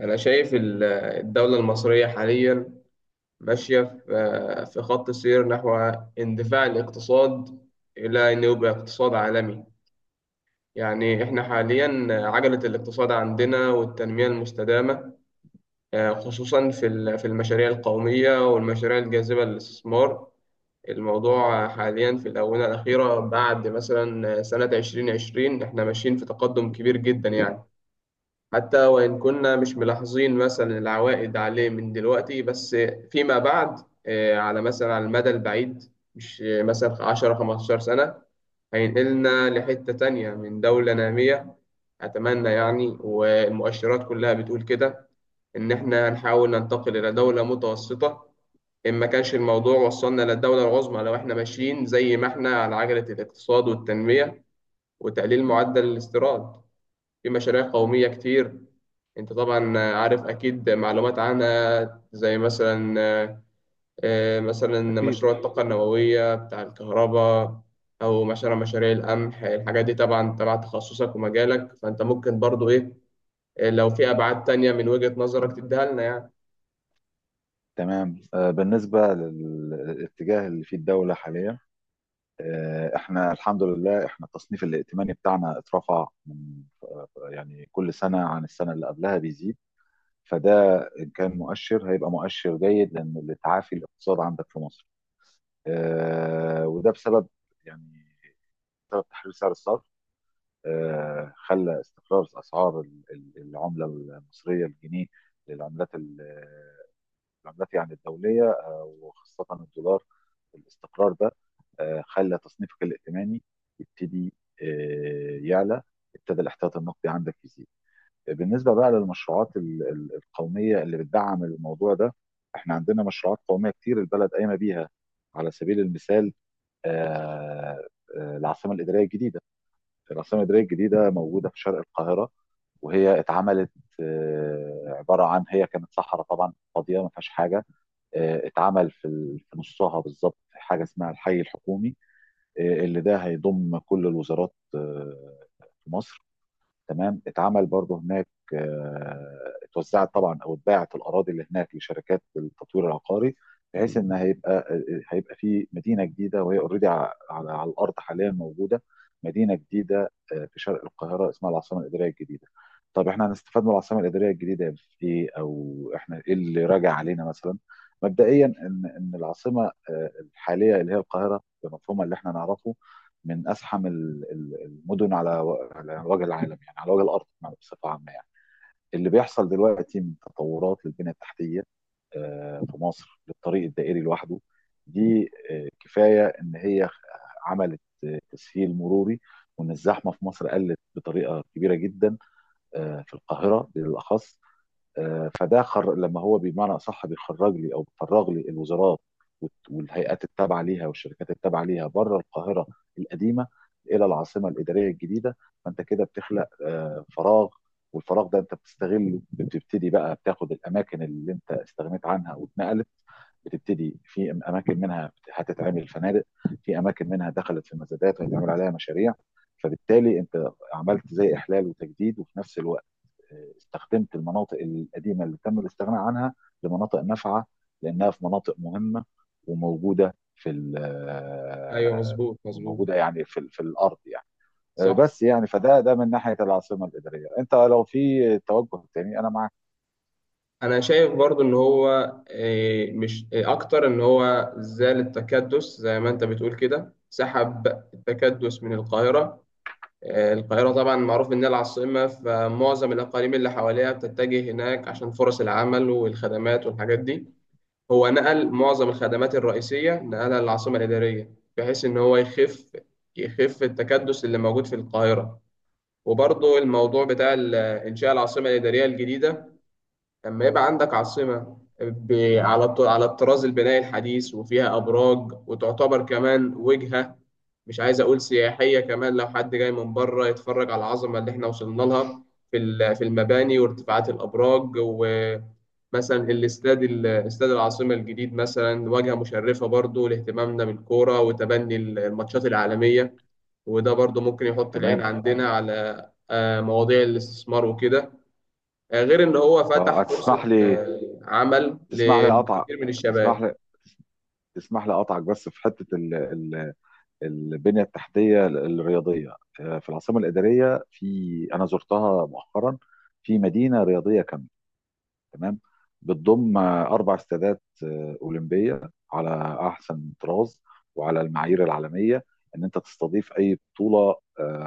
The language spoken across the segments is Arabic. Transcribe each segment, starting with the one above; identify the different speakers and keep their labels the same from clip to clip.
Speaker 1: أنا شايف الدولة المصرية حاليا ماشية في خط سير نحو اندفاع الاقتصاد إلى أن يبقى اقتصاد عالمي. يعني إحنا حاليا عجلة الاقتصاد عندنا والتنمية المستدامة، خصوصا في المشاريع القومية والمشاريع الجاذبة للاستثمار. الموضوع حاليا في الآونة الأخيرة بعد مثلا سنة 2020 إحنا ماشيين في تقدم كبير جدا يعني، حتى وإن كنا مش ملاحظين مثلا العوائد عليه من دلوقتي، بس فيما بعد، على مثلا على المدى البعيد، مش مثلا 10 15 سنة، هينقلنا لحتة تانية من دولة نامية. أتمنى يعني، والمؤشرات كلها بتقول كده، إن إحنا هنحاول ننتقل إلى دولة متوسطة، إن ما كانش الموضوع وصلنا للدولة العظمى، لو إحنا ماشيين زي ما إحنا على عجلة الاقتصاد والتنمية وتقليل معدل الاستيراد. في مشاريع قومية كتير، انت طبعا عارف اكيد معلومات عنها، زي مثلا مثلا
Speaker 2: أكيد.
Speaker 1: مشروع الطاقة النووية بتاع الكهرباء، او مثلا مشاريع القمح. الحاجات دي طبعا تبع تخصصك ومجالك، فانت ممكن برضو ايه، لو في ابعاد تانية من وجهة نظرك تديها لنا يعني.
Speaker 2: تمام. بالنسبة للاتجاه اللي فيه الدولة حاليا، احنا الحمد لله، احنا التصنيف الائتماني بتاعنا اترفع من، كل سنة عن السنة اللي قبلها بيزيد. فده إن كان مؤشر هيبقى مؤشر جيد، لأن تعافي الاقتصاد عندك في مصر وده بسبب، يعني بسبب تحرير سعر الصرف. خلى استقرار أسعار العملة المصرية الجنيه للعملات العملات الدولية وخاصة الدولار. الاستقرار ده خلى تصنيفك الائتماني يبتدي يعلى، ابتدى الاحتياط النقدي عندك يزيد. بالنسبة بقى للمشروعات القومية اللي بتدعم الموضوع ده، احنا عندنا مشروعات قومية كتير البلد قايمة بيها. على سبيل المثال، آه، العاصمة الإدارية الجديدة. العاصمة الإدارية الجديدة موجودة في شرق القاهرة، وهي اتعملت عبارة عن، هي كانت صحراء طبعا فاضية ما فيهاش حاجة. اتعمل في في نصها بالظبط حاجه اسمها الحي الحكومي، اللي ده هيضم كل الوزارات في مصر. تمام. اتعمل برضه هناك، اتوزعت طبعا او اتباعت الاراضي اللي هناك لشركات التطوير العقاري، بحيث ان هيبقى هيبقى في مدينه جديده، وهي اوريدي على الارض حاليا موجوده مدينه جديده في شرق القاهره اسمها العاصمه الاداريه الجديده. طب احنا هنستفاد من العاصمه الاداريه الجديده في ايه، او احنا ايه اللي راجع علينا مثلا؟ مبدئيا ان العاصمه الحاليه اللي هي القاهره بمفهومها اللي احنا نعرفه من ازحم المدن على على وجه العالم، يعني على وجه الارض بصفه عامه يعني. اللي بيحصل دلوقتي من تطورات للبنيه التحتيه في مصر، للطريق الدائري لوحده، دي كفايه ان هي عملت تسهيل مروري، وان الزحمه في مصر قلت بطريقه كبيره جدا في القاهره بالاخص. فده لما هو بمعنى اصح بيخرج لي او بيفرغ لي الوزارات والهيئات التابعه ليها والشركات التابعه ليها بره القاهره القديمه الى العاصمه الاداريه الجديده. فانت كده بتخلق فراغ، والفراغ ده انت بتستغله، بتبتدي بقى بتاخد الاماكن اللي انت استغنيت عنها واتنقلت. بتبتدي في اماكن منها هتتعمل فنادق، في اماكن منها دخلت في مزادات وهيتعمل عليها مشاريع. فبالتالي انت عملت زي احلال وتجديد، وفي نفس الوقت استخدمت المناطق القديمه اللي تم الاستغناء عنها لمناطق نافعه، لانها في مناطق مهمه وموجوده في
Speaker 1: ايوه، مظبوط مظبوط.
Speaker 2: موجوده يعني في الارض يعني.
Speaker 1: صح.
Speaker 2: بس يعني فده ده من ناحيه العاصمه الاداريه. انت لو في توجه تاني، انا معاك.
Speaker 1: انا شايف برضو ان هو مش اكتر ان هو زال التكدس، زي ما انت بتقول كده، سحب التكدس من القاهرة. القاهرة طبعا معروف إنها العاصمة، فمعظم الأقاليم اللي حواليها بتتجه هناك عشان فرص العمل والخدمات والحاجات دي. هو نقل معظم الخدمات الرئيسية، نقلها للعاصمة الإدارية، بحيث إن هو يخف التكدس اللي موجود في القاهرة. وبرضه الموضوع بتاع إنشاء العاصمة الإدارية الجديدة، لما يبقى عندك عاصمة على الطراز البنائي الحديث وفيها أبراج، وتعتبر كمان وجهة، مش عايز أقول سياحية، كمان لو حد جاي من بره يتفرج على العظمة اللي إحنا وصلنا لها في المباني وارتفاعات الأبراج، ومثلا استاد العاصمة الجديد مثلا واجهة مشرفة برضو لاهتمامنا بالكورة وتبني الماتشات العالمية. وده برضو ممكن يحط العين
Speaker 2: تمام.
Speaker 1: عندنا على مواضيع الاستثمار وكده. غير ان هو
Speaker 2: آه،
Speaker 1: فتح
Speaker 2: هتسمح
Speaker 1: فرصة
Speaker 2: لي
Speaker 1: عمل
Speaker 2: تسمح لي اقطع
Speaker 1: لكثير من الشباب.
Speaker 2: تسمح لي تسمح لي اقطعك بس في حته البنيه التحتيه الرياضيه. في العاصمه الاداريه، انا زرتها مؤخرا، في مدينه رياضيه كامله. تمام. بتضم اربع استادات اولمبيه على احسن طراز وعلى المعايير العالميه، ان انت تستضيف اي بطوله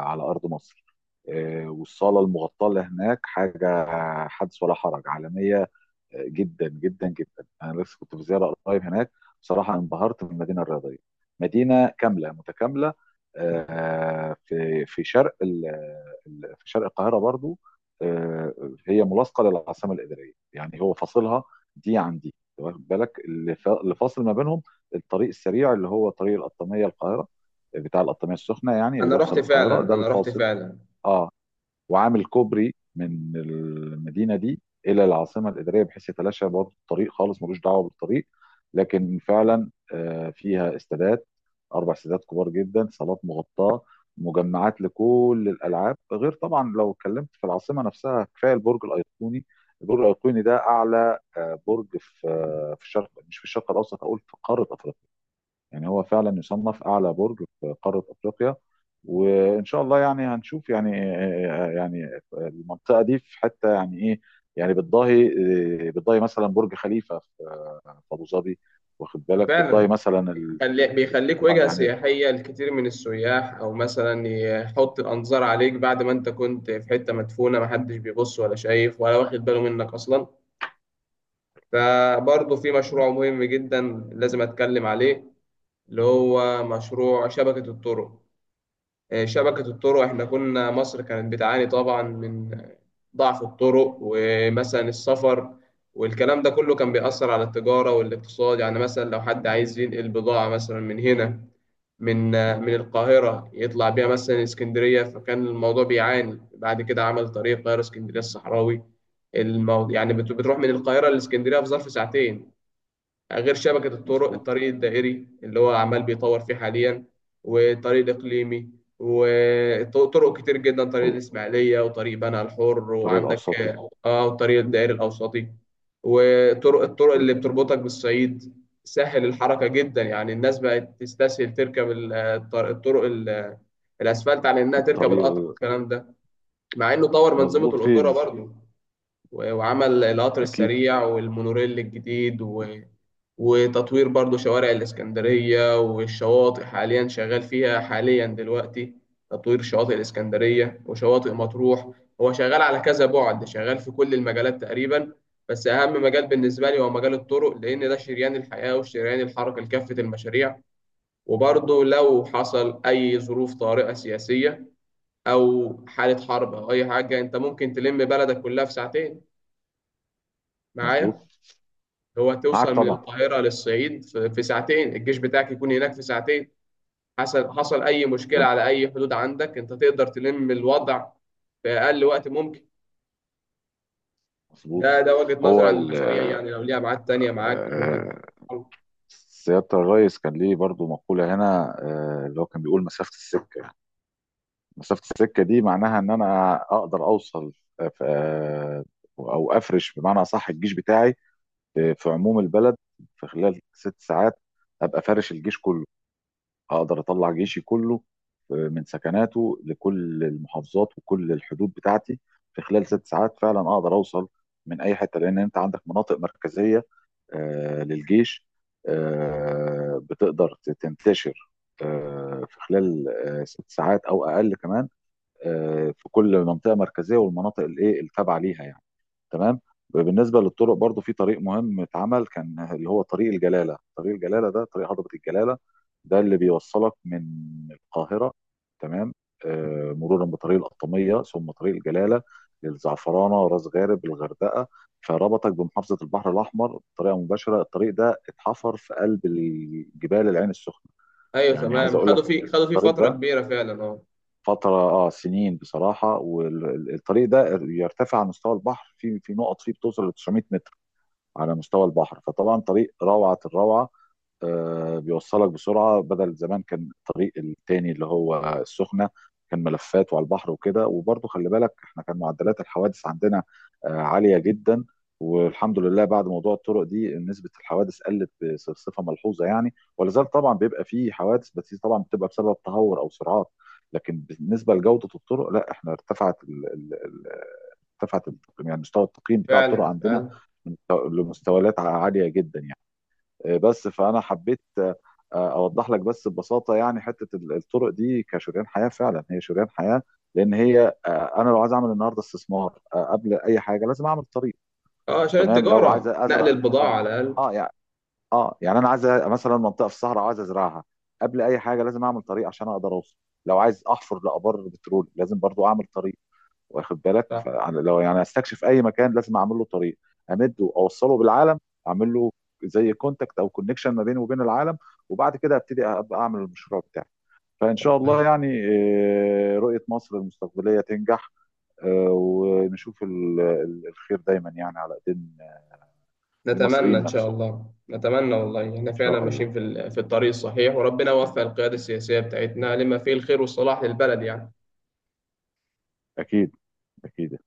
Speaker 2: على ارض مصر. والصاله المغطاه اللي هناك حاجه حدث ولا حرج، عالميه جدا جدا جدا. انا لسه كنت في زياره قريب هناك، بصراحه انبهرت بالمدينه الرياضيه. مدينه كامله متكامله في شرق في شرق القاهره برضو. آه، هي ملاصقه للعاصمه الاداريه، يعني هو فاصلها دي عن دي. واخد بالك؟ اللي اللي فاصل ما بينهم الطريق السريع، اللي هو طريق القطاميه القاهره بتاع القطاميه السخنه يعني، اللي بيوصل القاهره ده
Speaker 1: انا رحت
Speaker 2: الفاصل.
Speaker 1: فعلا.
Speaker 2: اه. وعامل كوبري من المدينه دي الى العاصمه الاداريه، بحيث يتلاشى برضه الطريق خالص ملوش دعوه بالطريق. لكن فعلا فيها استادات، اربع استادات كبار جدا، صالات مغطاه، مجمعات لكل الالعاب. غير طبعا لو اتكلمت في العاصمه نفسها، كفايه البرج الايقوني. البرج الايقوني ده اعلى برج في، في الشرق، مش في الشرق الاوسط، اقول في قاره افريقيا. يعني هو فعلا يصنف اعلى برج في قاره افريقيا. وان شاء الله يعني هنشوف، يعني المنطقه دي في حته يعني ايه، يعني بتضاهي، مثلا برج خليفه في ابو ظبي. واخد بالك؟ بتضاهي
Speaker 1: فعلا
Speaker 2: مثلا
Speaker 1: بيخليك
Speaker 2: آه
Speaker 1: وجهة
Speaker 2: يعني.
Speaker 1: سياحية لكثير من السياح، او مثلا يحط الانظار عليك بعد ما انت كنت في حتة مدفونة، محدش بيبص ولا شايف ولا واخد باله منك اصلا. فبرضه في
Speaker 2: تمام.
Speaker 1: مشروع مهم جدا لازم اتكلم عليه، اللي هو مشروع شبكة الطرق. شبكة الطرق. احنا كنا مصر كانت بتعاني طبعا من ضعف الطرق ومثلا السفر، والكلام ده كله كان بيأثر على التجارة والاقتصاد. يعني مثلا لو حد عايز ينقل بضاعة مثلا من هنا، من من القاهرة يطلع بيها مثلا اسكندرية، فكان الموضوع بيعاني. بعد كده عمل طريق القاهرة اسكندرية الصحراوي. يعني بتروح من القاهرة لاسكندرية في ظرف ساعتين. غير شبكة الطرق،
Speaker 2: مظبوط.
Speaker 1: الطريق الدائري اللي هو عمال بيطور فيه حاليا، وطريق إقليمي، وطرق كتير جدا، طريق
Speaker 2: والله،
Speaker 1: الإسماعيلية وطريق بنها الحر،
Speaker 2: الطريق
Speaker 1: وعندك،
Speaker 2: الاوسطي.
Speaker 1: اه، وطريق الدائري الأوسطي، الطرق
Speaker 2: مظبوط.
Speaker 1: اللي بتربطك بالصعيد. سهل الحركة جدا، يعني الناس بقت تستسهل تركب الطرق الأسفلت عن إنها تركب
Speaker 2: الطريق
Speaker 1: القطر والكلام ده، مع إنه طور منظومة
Speaker 2: مظبوط. فيه
Speaker 1: القطورة برضه، و- وعمل القطر
Speaker 2: اكيد.
Speaker 1: السريع والمونوريل الجديد وتطوير برضو شوارع الإسكندرية والشواطئ، حاليا شغال فيها حاليا دلوقتي، تطوير شواطئ الإسكندرية وشواطئ مطروح. هو شغال على كذا بعد، شغال في كل المجالات تقريبا. بس أهم مجال بالنسبة لي هو مجال الطرق، لأن ده شريان الحياة وشريان الحركة لكافة المشاريع. وبرضه لو حصل أي ظروف طارئة سياسية أو حالة حرب أو أي حاجة، أنت ممكن تلم بلدك كلها في ساعتين،
Speaker 2: مظبوط.
Speaker 1: معايا؟ هو
Speaker 2: معاك
Speaker 1: توصل من
Speaker 2: طبعا.
Speaker 1: القاهرة للصعيد في ساعتين، الجيش بتاعك يكون هناك في ساعتين. حصل أي مشكلة
Speaker 2: تمام،
Speaker 1: على أي حدود عندك، أنت تقدر تلم الوضع في أقل وقت ممكن.
Speaker 2: مظبوط.
Speaker 1: ده وجهة نظري
Speaker 2: هو
Speaker 1: عن المشاريع، يعني لو ليها ميعاد تانية معاك ممكن.
Speaker 2: آه، سيادة الريس كان ليه برضو مقولة هنا، اللي هو كان بيقول مسافة السكة. مسافة السكة دي معناها ان انا اقدر اوصل، آه، ف- آه، او افرش بمعنى صح الجيش بتاعي في عموم البلد في خلال ست ساعات. ابقى فارش الجيش كله، اقدر اطلع جيشي كله من سكناته لكل المحافظات وكل الحدود بتاعتي في خلال ست ساعات. فعلا اقدر اوصل من اي حته، لان انت عندك مناطق مركزيه للجيش بتقدر تنتشر في خلال ست ساعات او اقل كمان في كل منطقه مركزيه والمناطق الايه التابعه ليها يعني. تمام. بالنسبه للطرق برضو في طريق مهم اتعمل كان، اللي هو طريق الجلاله. طريق الجلاله ده طريق هضبه الجلاله، ده اللي بيوصلك من القاهره. تمام. مرورا بطريق القطاميه ثم طريق الجلاله للزعفرانه راس غارب الغردقه. فربطك بمحافظه البحر الاحمر بطريقه مباشره. الطريق ده اتحفر في قلب الجبال العين السخنه.
Speaker 1: أيوه
Speaker 2: يعني عايز
Speaker 1: تمام،
Speaker 2: اقول لك ان
Speaker 1: خدوا فيه
Speaker 2: الطريق
Speaker 1: فترة
Speaker 2: ده
Speaker 1: كبيرة فعلا، أه.
Speaker 2: فترة اه سنين بصراحة. والطريق ده يرتفع عن مستوى البحر في نقط فيه بتوصل ل 900 متر على مستوى البحر. فطبعا طريق روعة الروعة بيوصلك بسرعه، بدل زمان كان الطريق التاني اللي هو السخنه كان ملفات وعلى البحر وكده. وبرضه خلي بالك احنا كان معدلات الحوادث عندنا عاليه جدا. والحمد لله، بعد موضوع الطرق دي نسبه الحوادث قلت بصفه ملحوظه. يعني ولا زال طبعا بيبقى فيه حوادث، بس دي طبعا بتبقى بسبب تهور او سرعات. لكن بالنسبه لجوده الطرق، لا، احنا ارتفعت ارتفعت التقييم، يعني مستوى التقييم بتاع الطرق
Speaker 1: فعلا
Speaker 2: عندنا
Speaker 1: فعلا.
Speaker 2: من- لمستويات عاليه جدا يعني. بس فانا حبيت اوضح لك بس ببساطه، يعني حته الطرق دي كشريان حياه. فعلا هي شريان حياه، لان هي انا لو عايز اعمل النهارده استثمار قبل اي حاجه لازم اعمل طريق.
Speaker 1: أه، عشان
Speaker 2: تمام. لو عايز
Speaker 1: التجارة، نقل
Speaker 2: ازرع، اه،
Speaker 1: البضاعة على الأقل.
Speaker 2: اه يعني، اه يعني انا عايز مثلا منطقه في الصحراء عايز ازرعها، قبل اي حاجه لازم اعمل طريق عشان اقدر اوصل. لو عايز احفر لابار بترول لازم برضو اعمل طريق. واخد بالك؟ فلو يعني هستكشف اي مكان لازم اعمل له طريق، امده اوصله بالعالم، اعمل له زي كونتاكت او كونكشن ما بينه وبين العالم، وبعد كده ابتدي ابقى اعمل المشروع بتاعي. فان شاء الله
Speaker 1: صح.
Speaker 2: يعني رؤيه مصر المستقبليه تنجح ونشوف الخير دايما، يعني على ايدين
Speaker 1: نتمنى
Speaker 2: المصريين
Speaker 1: إن شاء
Speaker 2: نفسهم.
Speaker 1: الله. نتمنى والله، إحنا
Speaker 2: ان
Speaker 1: فعلا
Speaker 2: شاء الله.
Speaker 1: ماشيين في الطريق الصحيح، وربنا يوفق القيادة السياسية بتاعتنا لما فيه الخير والصلاح للبلد يعني.
Speaker 2: اكيد، اكيد.